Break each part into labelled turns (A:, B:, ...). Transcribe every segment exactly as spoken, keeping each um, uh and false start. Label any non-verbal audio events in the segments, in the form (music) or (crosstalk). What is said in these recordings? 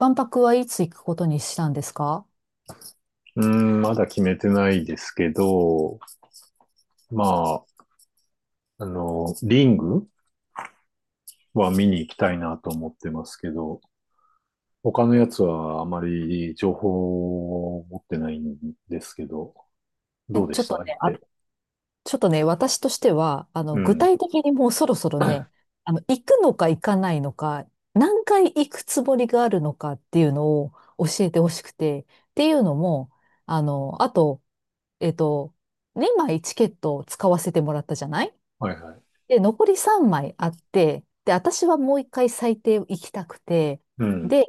A: 万博はいつ行くことにしたんですか？
B: うーん、まだ決めてないですけど、まあ、あの、リングは見に行きたいなと思ってますけど、他のやつはあまり情報を持ってないんですけど、
A: え、
B: どうで
A: ちょっ
B: した、
A: と
B: 相
A: ね、あ、
B: 手？
A: ちょっとね、私としては、あ
B: う
A: の、具
B: ん。
A: 体的にもうそろそろね、あの、行くのか行かないのか、何回行くつもりがあるのかっていうのを教えてほしくて、っていうのも、あの、あと、えっと、にまいチケットを使わせてもらったじゃない。
B: はいはい。
A: で、残りさんまいあって、で、私はもう一回最低行きたくて、
B: うん。
A: で、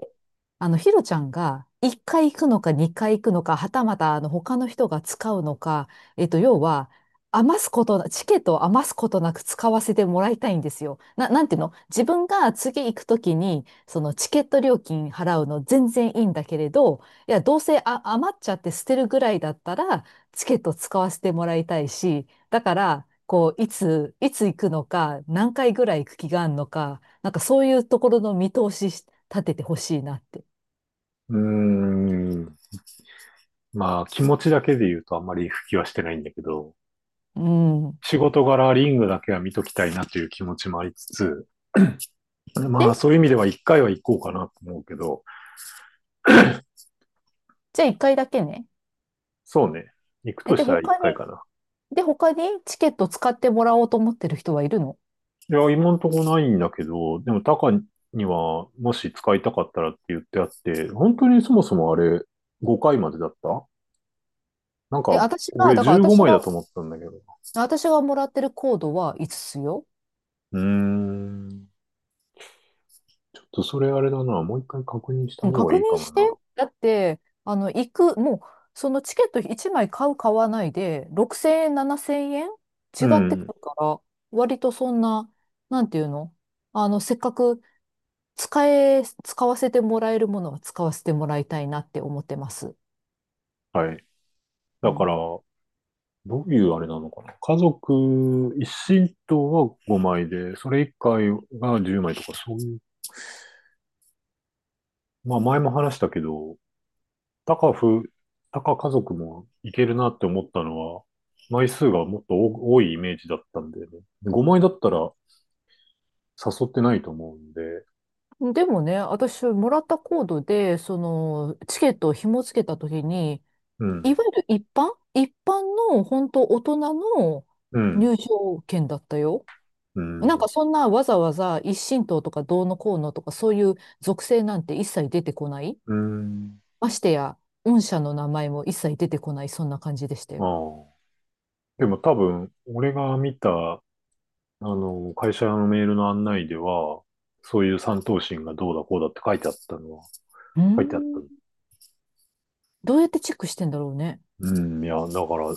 A: あの、ひろちゃんが一回行くのか二回行くのか、はたまたあの他の人が使うのか、えっと、要は、余すことな、チケットを余すことなく使わせてもらいたいんですよ。な、なんていうの自分が次行くときに、そのチケット料金払うの全然いいんだけれど、いや、どうせあ、余っちゃって捨てるぐらいだったら、チケット使わせてもらいたいし、だから、こう、いつ、いつ行くのか、何回ぐらい行く気があるのか、なんかそういうところの見通しし立ててほしいなって。
B: うーん。まあ、気持ちだけで言うとあんまり復帰はしてないんだけど、
A: うん。
B: 仕事柄リングだけは見ときたいなという気持ちもありつつ、
A: で、
B: まあ、そういう意味では一回は行こうかなと思うけど。
A: じゃあ一回だけね。
B: そうね。行く
A: え、
B: と
A: で、
B: したら一
A: 他
B: 回
A: に、
B: かな。
A: で、他にチケット使ってもらおうと思ってる人はいるの？
B: いや、今んとこないんだけど、でもタカにはもし使いたかったらって言ってあって、本当にそもそもあれ、ごかいまでだった？なん
A: え、
B: か
A: 私が、
B: 俺、
A: だから
B: 15
A: 私
B: 枚だ
A: が、
B: と思ったんだけど。
A: 私がもらってるコードはいつつよ。
B: うーん。ちょっとそれあれだな。もう一回確認した
A: うん、
B: 方が
A: 確
B: いいか
A: 認
B: も
A: して。
B: な。
A: だって、あの、行く、もう、そのチケットいちまい買う、買わないで、ろくせんえん、ななせんえん違
B: う
A: ってく
B: ん。
A: るから、割とそんな、なんていうの、あの、せっかく使え、使わせてもらえるものは使わせてもらいたいなって思ってます。
B: はい。
A: う
B: だか
A: ん。
B: ら、どういうあれなのかな。家族一親等はごまいで、それ以外がじゅうまいとか、そういう。まあ前も話したけど、タカフ、タカ家族もいけるなって思ったのは、枚数がもっと多多いイメージだったんでね。ごまいだったら誘ってないと思うんで。
A: でもね、私、もらったコードで、その、チケットを紐付けたときに、
B: う
A: いわ
B: ん、
A: ゆる一般一般の、本当大人の
B: うん、
A: 入場券だったよ。
B: う
A: なんか
B: ん、
A: そんなわざわざ一神党とかどうのこうのとかそういう属性なんて一切出てこない。
B: うん、
A: ましてや、御社の名前も一切出てこない、そんな感じでした
B: あ
A: よ。
B: あ。でも多分、俺が見た、あの、会社のメールの案内では、そういう三等身がどうだこうだって書いてあったのは、
A: うー
B: 書いてあったの。
A: ん。どうやってチェックしてんだろうね。
B: うん、いや、だから、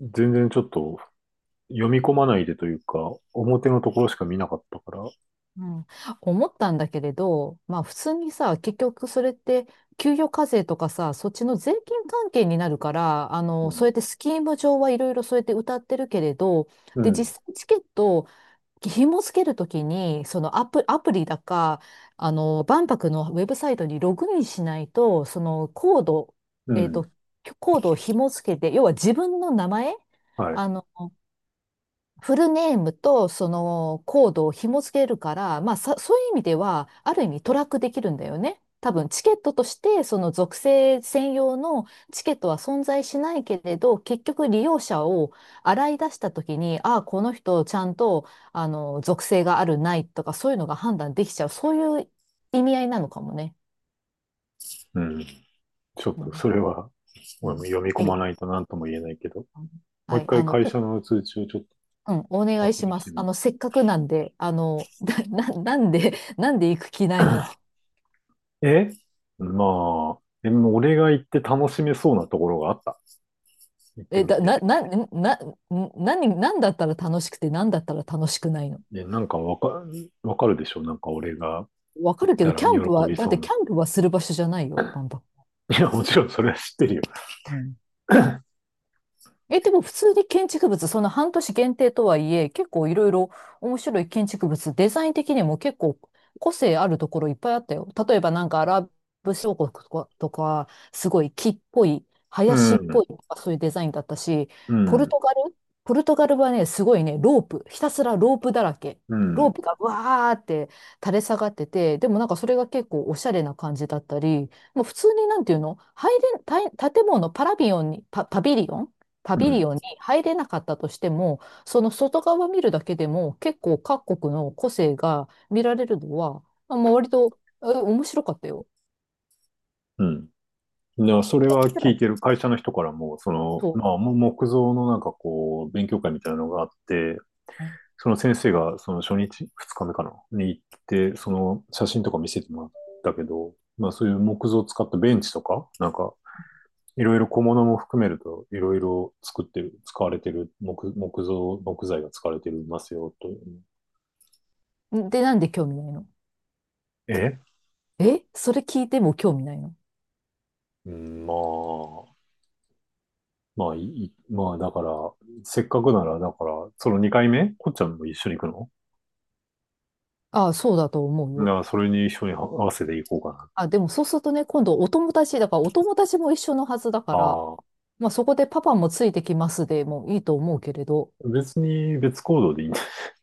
B: 全然ちょっと読み込まないでというか、表のところしか見なかったから。
A: うん。思ったんだけれど、まあ普通にさ、結局それって給与課税とかさ、そっちの税金関係になるから、あ
B: う
A: の、そう
B: ん
A: やってスキーム上はいろいろそうやって歌ってるけれど、
B: う
A: で、
B: ん、
A: 実際チケット、紐付けるときに、そのアプ、アプリだか、あの、万博のウェブサイトにログインしないと、そのコード、
B: う
A: えっと、
B: ん、
A: コードを紐付けて、要は自分の名前、
B: はい、
A: あの、フルネームとそのコードを紐付けるから、まあさ、そういう意味では、ある意味トラックできるんだよね。多分チケットとして、その属性専用のチケットは存在しないけれど、結局利用者を洗い出したときに、ああ、この人ちゃんと、あの、属性があるないとか、そういうのが判断できちゃう。そういう意味合いなのかもね。
B: うん。ちょっ
A: う
B: と
A: ん。
B: それは、
A: う
B: 俺も読み込
A: ん。い
B: ま
A: や。
B: ないと何とも言えないけど、もう
A: は
B: 一
A: い。あ
B: 回
A: の、
B: 会
A: と
B: 社の通知をちょっと
A: うん、お願い
B: 確
A: し
B: 認
A: ま
B: して
A: す。
B: み
A: あ
B: る。
A: の、せっかくなんで、あの、(laughs) な、な、なんで、なんで行く気ないの？
B: えまあ、でも俺が行って楽しめそうなところがあった。行って
A: え、
B: み
A: だ、
B: て。
A: な、な、な、な、何、なんだったら楽しくて、なんだったら楽しくないの？
B: で、なんかわか、わかるでしょ、なんか俺が
A: わか
B: 行っ
A: るけ
B: た
A: ど、
B: ら
A: キャ
B: 喜
A: ンプは、
B: び
A: だっ
B: そう
A: てキ
B: な。
A: ャンプはする場所じゃないよ、バン。
B: (laughs) いや、もちろんそれは知ってるよ。
A: うん。え、でも普通に建築物、その半年限定とはいえ、結構いろいろ面白い建築物、デザイン的にも結構個性あるところいっぱいあったよ。例えばなんかアラブ諸国とか、とかすごい木っぽい、
B: う
A: 林っ
B: ん、
A: ぽいとかそういうデザインだったし、
B: う
A: ポル
B: ん、
A: トガルポルトガルはね、すごいね、ロープ、ひたすらロープだらけ。
B: う
A: ロ
B: ん、
A: ープがわーって垂れ下がってて、でもなんかそれが結構おしゃれな感じだったり、もう普通になんていうの、入れん、たい建物、パラビオンに、パ、パビリオンパ
B: う
A: ビ
B: ん、
A: リオンに入れなかったとしても、その外側見るだけでも結構各国の個性が見られるのは、あまあ、割と、え面白かったよ。
B: うん。いや、そ
A: い
B: れ
A: や、
B: は
A: こちら
B: 聞い
A: も
B: てる。会社の人からも、その、
A: そ
B: まあ、もう木造のなんかこう、勉強会みたいなのがあって、
A: う。
B: その先生がその初日、二日目かなに行って、その写真とか見せてもらったけど、まあそういう木造を使ったベンチとか、なんかいろいろ小物も含めるといろいろ作ってる、使われてる木、木造、木材が使われてるますよという。
A: うん。で、なんで興味ないの？
B: え
A: え、それ聞いても興味ないの？
B: うん、まあ、まあいまあだから、せっかくなら、だから、そのにかいめこっちゃんも一緒に行くの？
A: ああ、そうだと思う
B: だか
A: よ。
B: らそれに一緒に合わせていこうかな。
A: あ、でもそうするとね、今度お友達、だからお友達も一緒のはずだから、
B: ああ、
A: まあそこでパパもついてきますでもいいと思うけれど、
B: 別に別行動でいいんだ。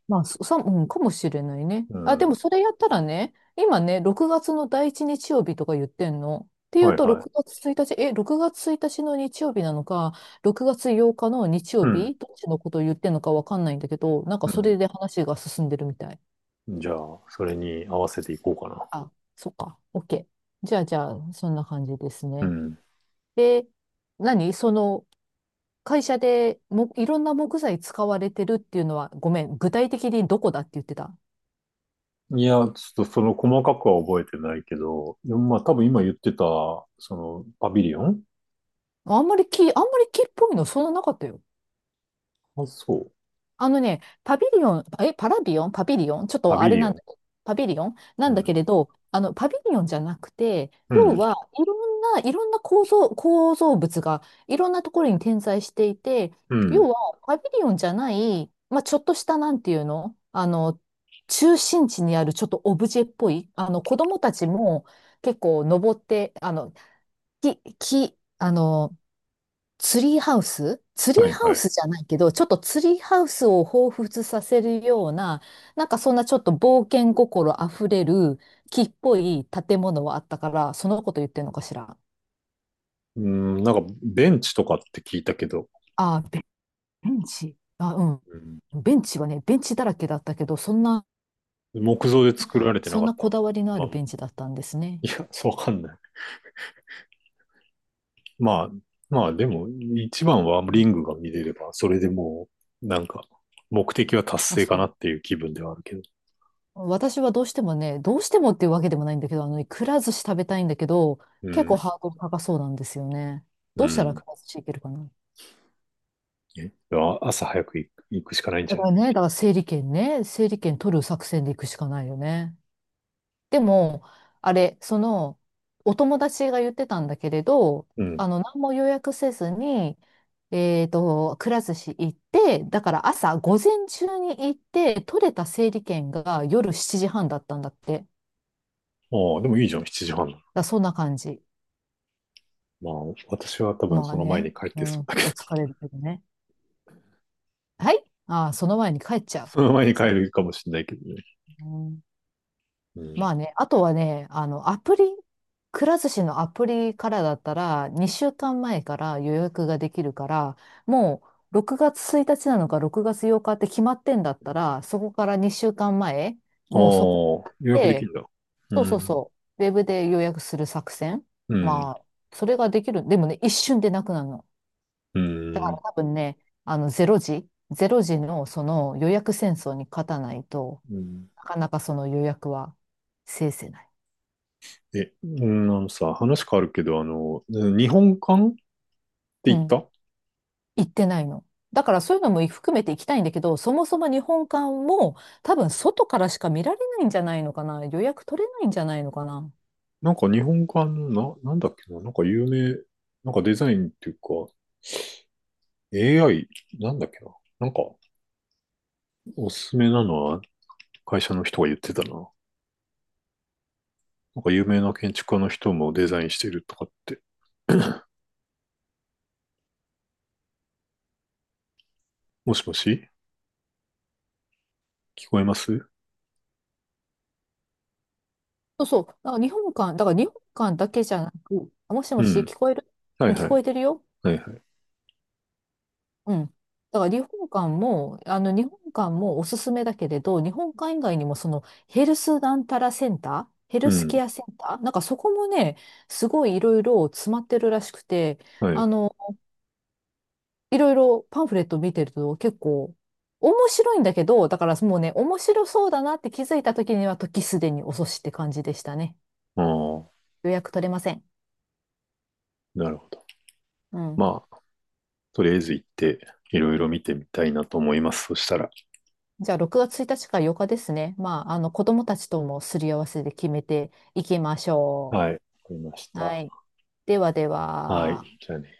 A: まあ、そ、そうん、かもしれないね。
B: う
A: あ、で
B: ん。
A: もそれやったらね、今ね、ろくがつの第一日曜日とか言ってんの。っていう
B: はい
A: と、
B: は
A: 6
B: い。
A: 月ついたち、え、ろくがつついたちの日曜日なのか、ろくがつようかの日
B: う
A: 曜
B: ん。
A: 日、どっちのことを言ってんのかわかんないんだけど、なんか
B: う
A: そ
B: ん。
A: れで話が進んでるみたい。
B: じゃあ、それに合わせていこうかな。
A: あ、そっか、OK。じゃあ、じゃあ、そんな感じです
B: う
A: ね。
B: ん。
A: で、何その、会社でも、いろんな木材使われてるっていうのは、ごめん、具体的にどこだって言ってた？
B: いや、ちょっとその細かくは覚えてないけど、でもまあ多分今言ってた、そのパビリオン。
A: あんまり木、あんまり木っぽいのそんななかったよ。
B: あ、そう。
A: あのね、パビリオン、え、パラビオンパビリオンちょっ
B: パ
A: とあ
B: ビ
A: れ
B: リ
A: な
B: オ
A: ん
B: ン。
A: だ、パビリオンな
B: う
A: んだけ
B: ん。
A: れど、あの、パビリオンじゃなくて、
B: う
A: 要
B: ん。
A: はいろんな、いろんな構造、構造物がいろんなところに点在していて、
B: う
A: 要
B: ん。
A: はパビリオンじゃない、まあ、ちょっとしたなんていうの、あの、中心地にあるちょっとオブジェっぽい、あの、子供たちも結構登って、あの、木、木、あの、ツリーハウスツリー
B: はい
A: ハ
B: は
A: ウ
B: い。
A: スじゃないけど、ちょっとツリーハウスを彷彿させるような、なんかそんなちょっと冒険心あふれる木っぽい建物はあったから、そのこと言ってるのかしら。
B: うん、なんかベンチとかって聞いたけど。
A: あー、ベベンチ。あ、う
B: うん、
A: ん。ベンチはね、ベンチだらけだったけど、そんな、
B: 木造で作られてな
A: そ
B: か
A: ん
B: っ
A: な
B: た？
A: こだわりのあ
B: まあ、
A: るベンチだったんですね。
B: いや、そうわかんない。まあ、まあでも、一番は
A: う
B: リ
A: ん。
B: ングが見れれば、それでもう、なんか、目的は達
A: あ、
B: 成か
A: そ
B: な
A: う。
B: っていう気分ではあるけど。
A: 私はどうしてもね、どうしてもっていうわけでもないんだけど、あのね、くら寿司食べたいんだけど、
B: う
A: 結
B: ん、
A: 構ハードル高そうなんですよね。
B: う
A: どうしたら
B: ん。
A: くら寿司いけるかな？
B: え朝早く行く行くしかないん
A: だ
B: じゃ
A: か
B: な
A: ら
B: い？
A: ね、だから整理券ね、整理券取る作戦で行くしかないよね。でも、あれ、その、お友達が言ってたんだけれど、
B: うん。
A: あの、何も予約せずに、えっと、くら寿司行って、だから朝、午前中に行って、取れた整理券が夜しちじはんだったんだって。だか
B: ああ、でもいいじゃん、しちじはん。
A: らそんな感じ。
B: まあ、私は多分
A: まあ
B: その前に
A: ね、
B: 帰っ
A: う
B: てそう
A: ん、
B: だ
A: 結
B: けど、
A: 構疲
B: (laughs)
A: れるけどね。はい。ああ、その前に帰っちゃ
B: その前に帰るかもしれないけどね。
A: う。うん。
B: うん。
A: まあね、あとはね、あの、アプリ、くら寿司のアプリからだったら、にしゅうかんまえかんまえから予約ができるから、もうろくがつついたちなのかろくがつようかって決まってんだったら、そこからにしゅうかんまえ、
B: ああ、
A: もうそこ
B: 予約でき
A: で、
B: るんだ。う
A: そうそう
B: ん。
A: そう、ウェブで予約する作戦。
B: うん。
A: まあ、それができる。でもね、一瞬でなくなるの。
B: うん。
A: 多分ね、あの、ゼロ時、ゼロ時のその予約戦争に勝たないと
B: うん。
A: なかなかその予約は制せない。
B: え、うん、あのさ、話変わるけど、あの、日本館っ
A: う
B: て言っ
A: ん。
B: た？
A: 行ってないの？だからそういうのも含めて行きたいんだけど、そもそも日本館も多分外からしか見られないんじゃないのかな。予約取れないんじゃないのかな。
B: なんか日本館の、な、なんだっけな、なんか有名、なんかデザインっていうか、エーアイ、なんだっけな、なんかおすすめなのは会社の人が言ってたな。なんか有名な建築家の人もデザインしてるとかって。もしもし、聞こえます？
A: そうそう。だから日本館、だから日本館だけじゃなく、あ、もし
B: う
A: もし
B: ん。
A: 聞こえる？
B: は
A: う
B: い
A: ん、聞
B: は
A: こ
B: い。
A: えてるよ。
B: はいはい。
A: うん。だから日本館も、あの日本館もおすすめだけれど、日本館以外にもそのヘルスなんたらセンター、ヘ
B: う
A: ルス
B: ん。
A: ケアセンター、なんかそこもね、すごいいろいろ詰まってるらしくて、
B: は
A: あ
B: い。
A: のいろいろパンフレット見てると結構面白いんだけど、だからもうね、面白そうだなって気づいた時には時すでに遅しって感じでしたね。
B: ああ、
A: 予約取れません。
B: なるほど。
A: うん。
B: まあ、とりあえず行って、いろいろ見てみたいなと思います。そしたら。
A: じゃあろくがつついたちかようかですね。まあ、あの子供たちともすり合わせで決めていきましょ
B: はい。わかりまし
A: う。は
B: た。
A: い。ではで
B: はい。
A: は。
B: じゃあね。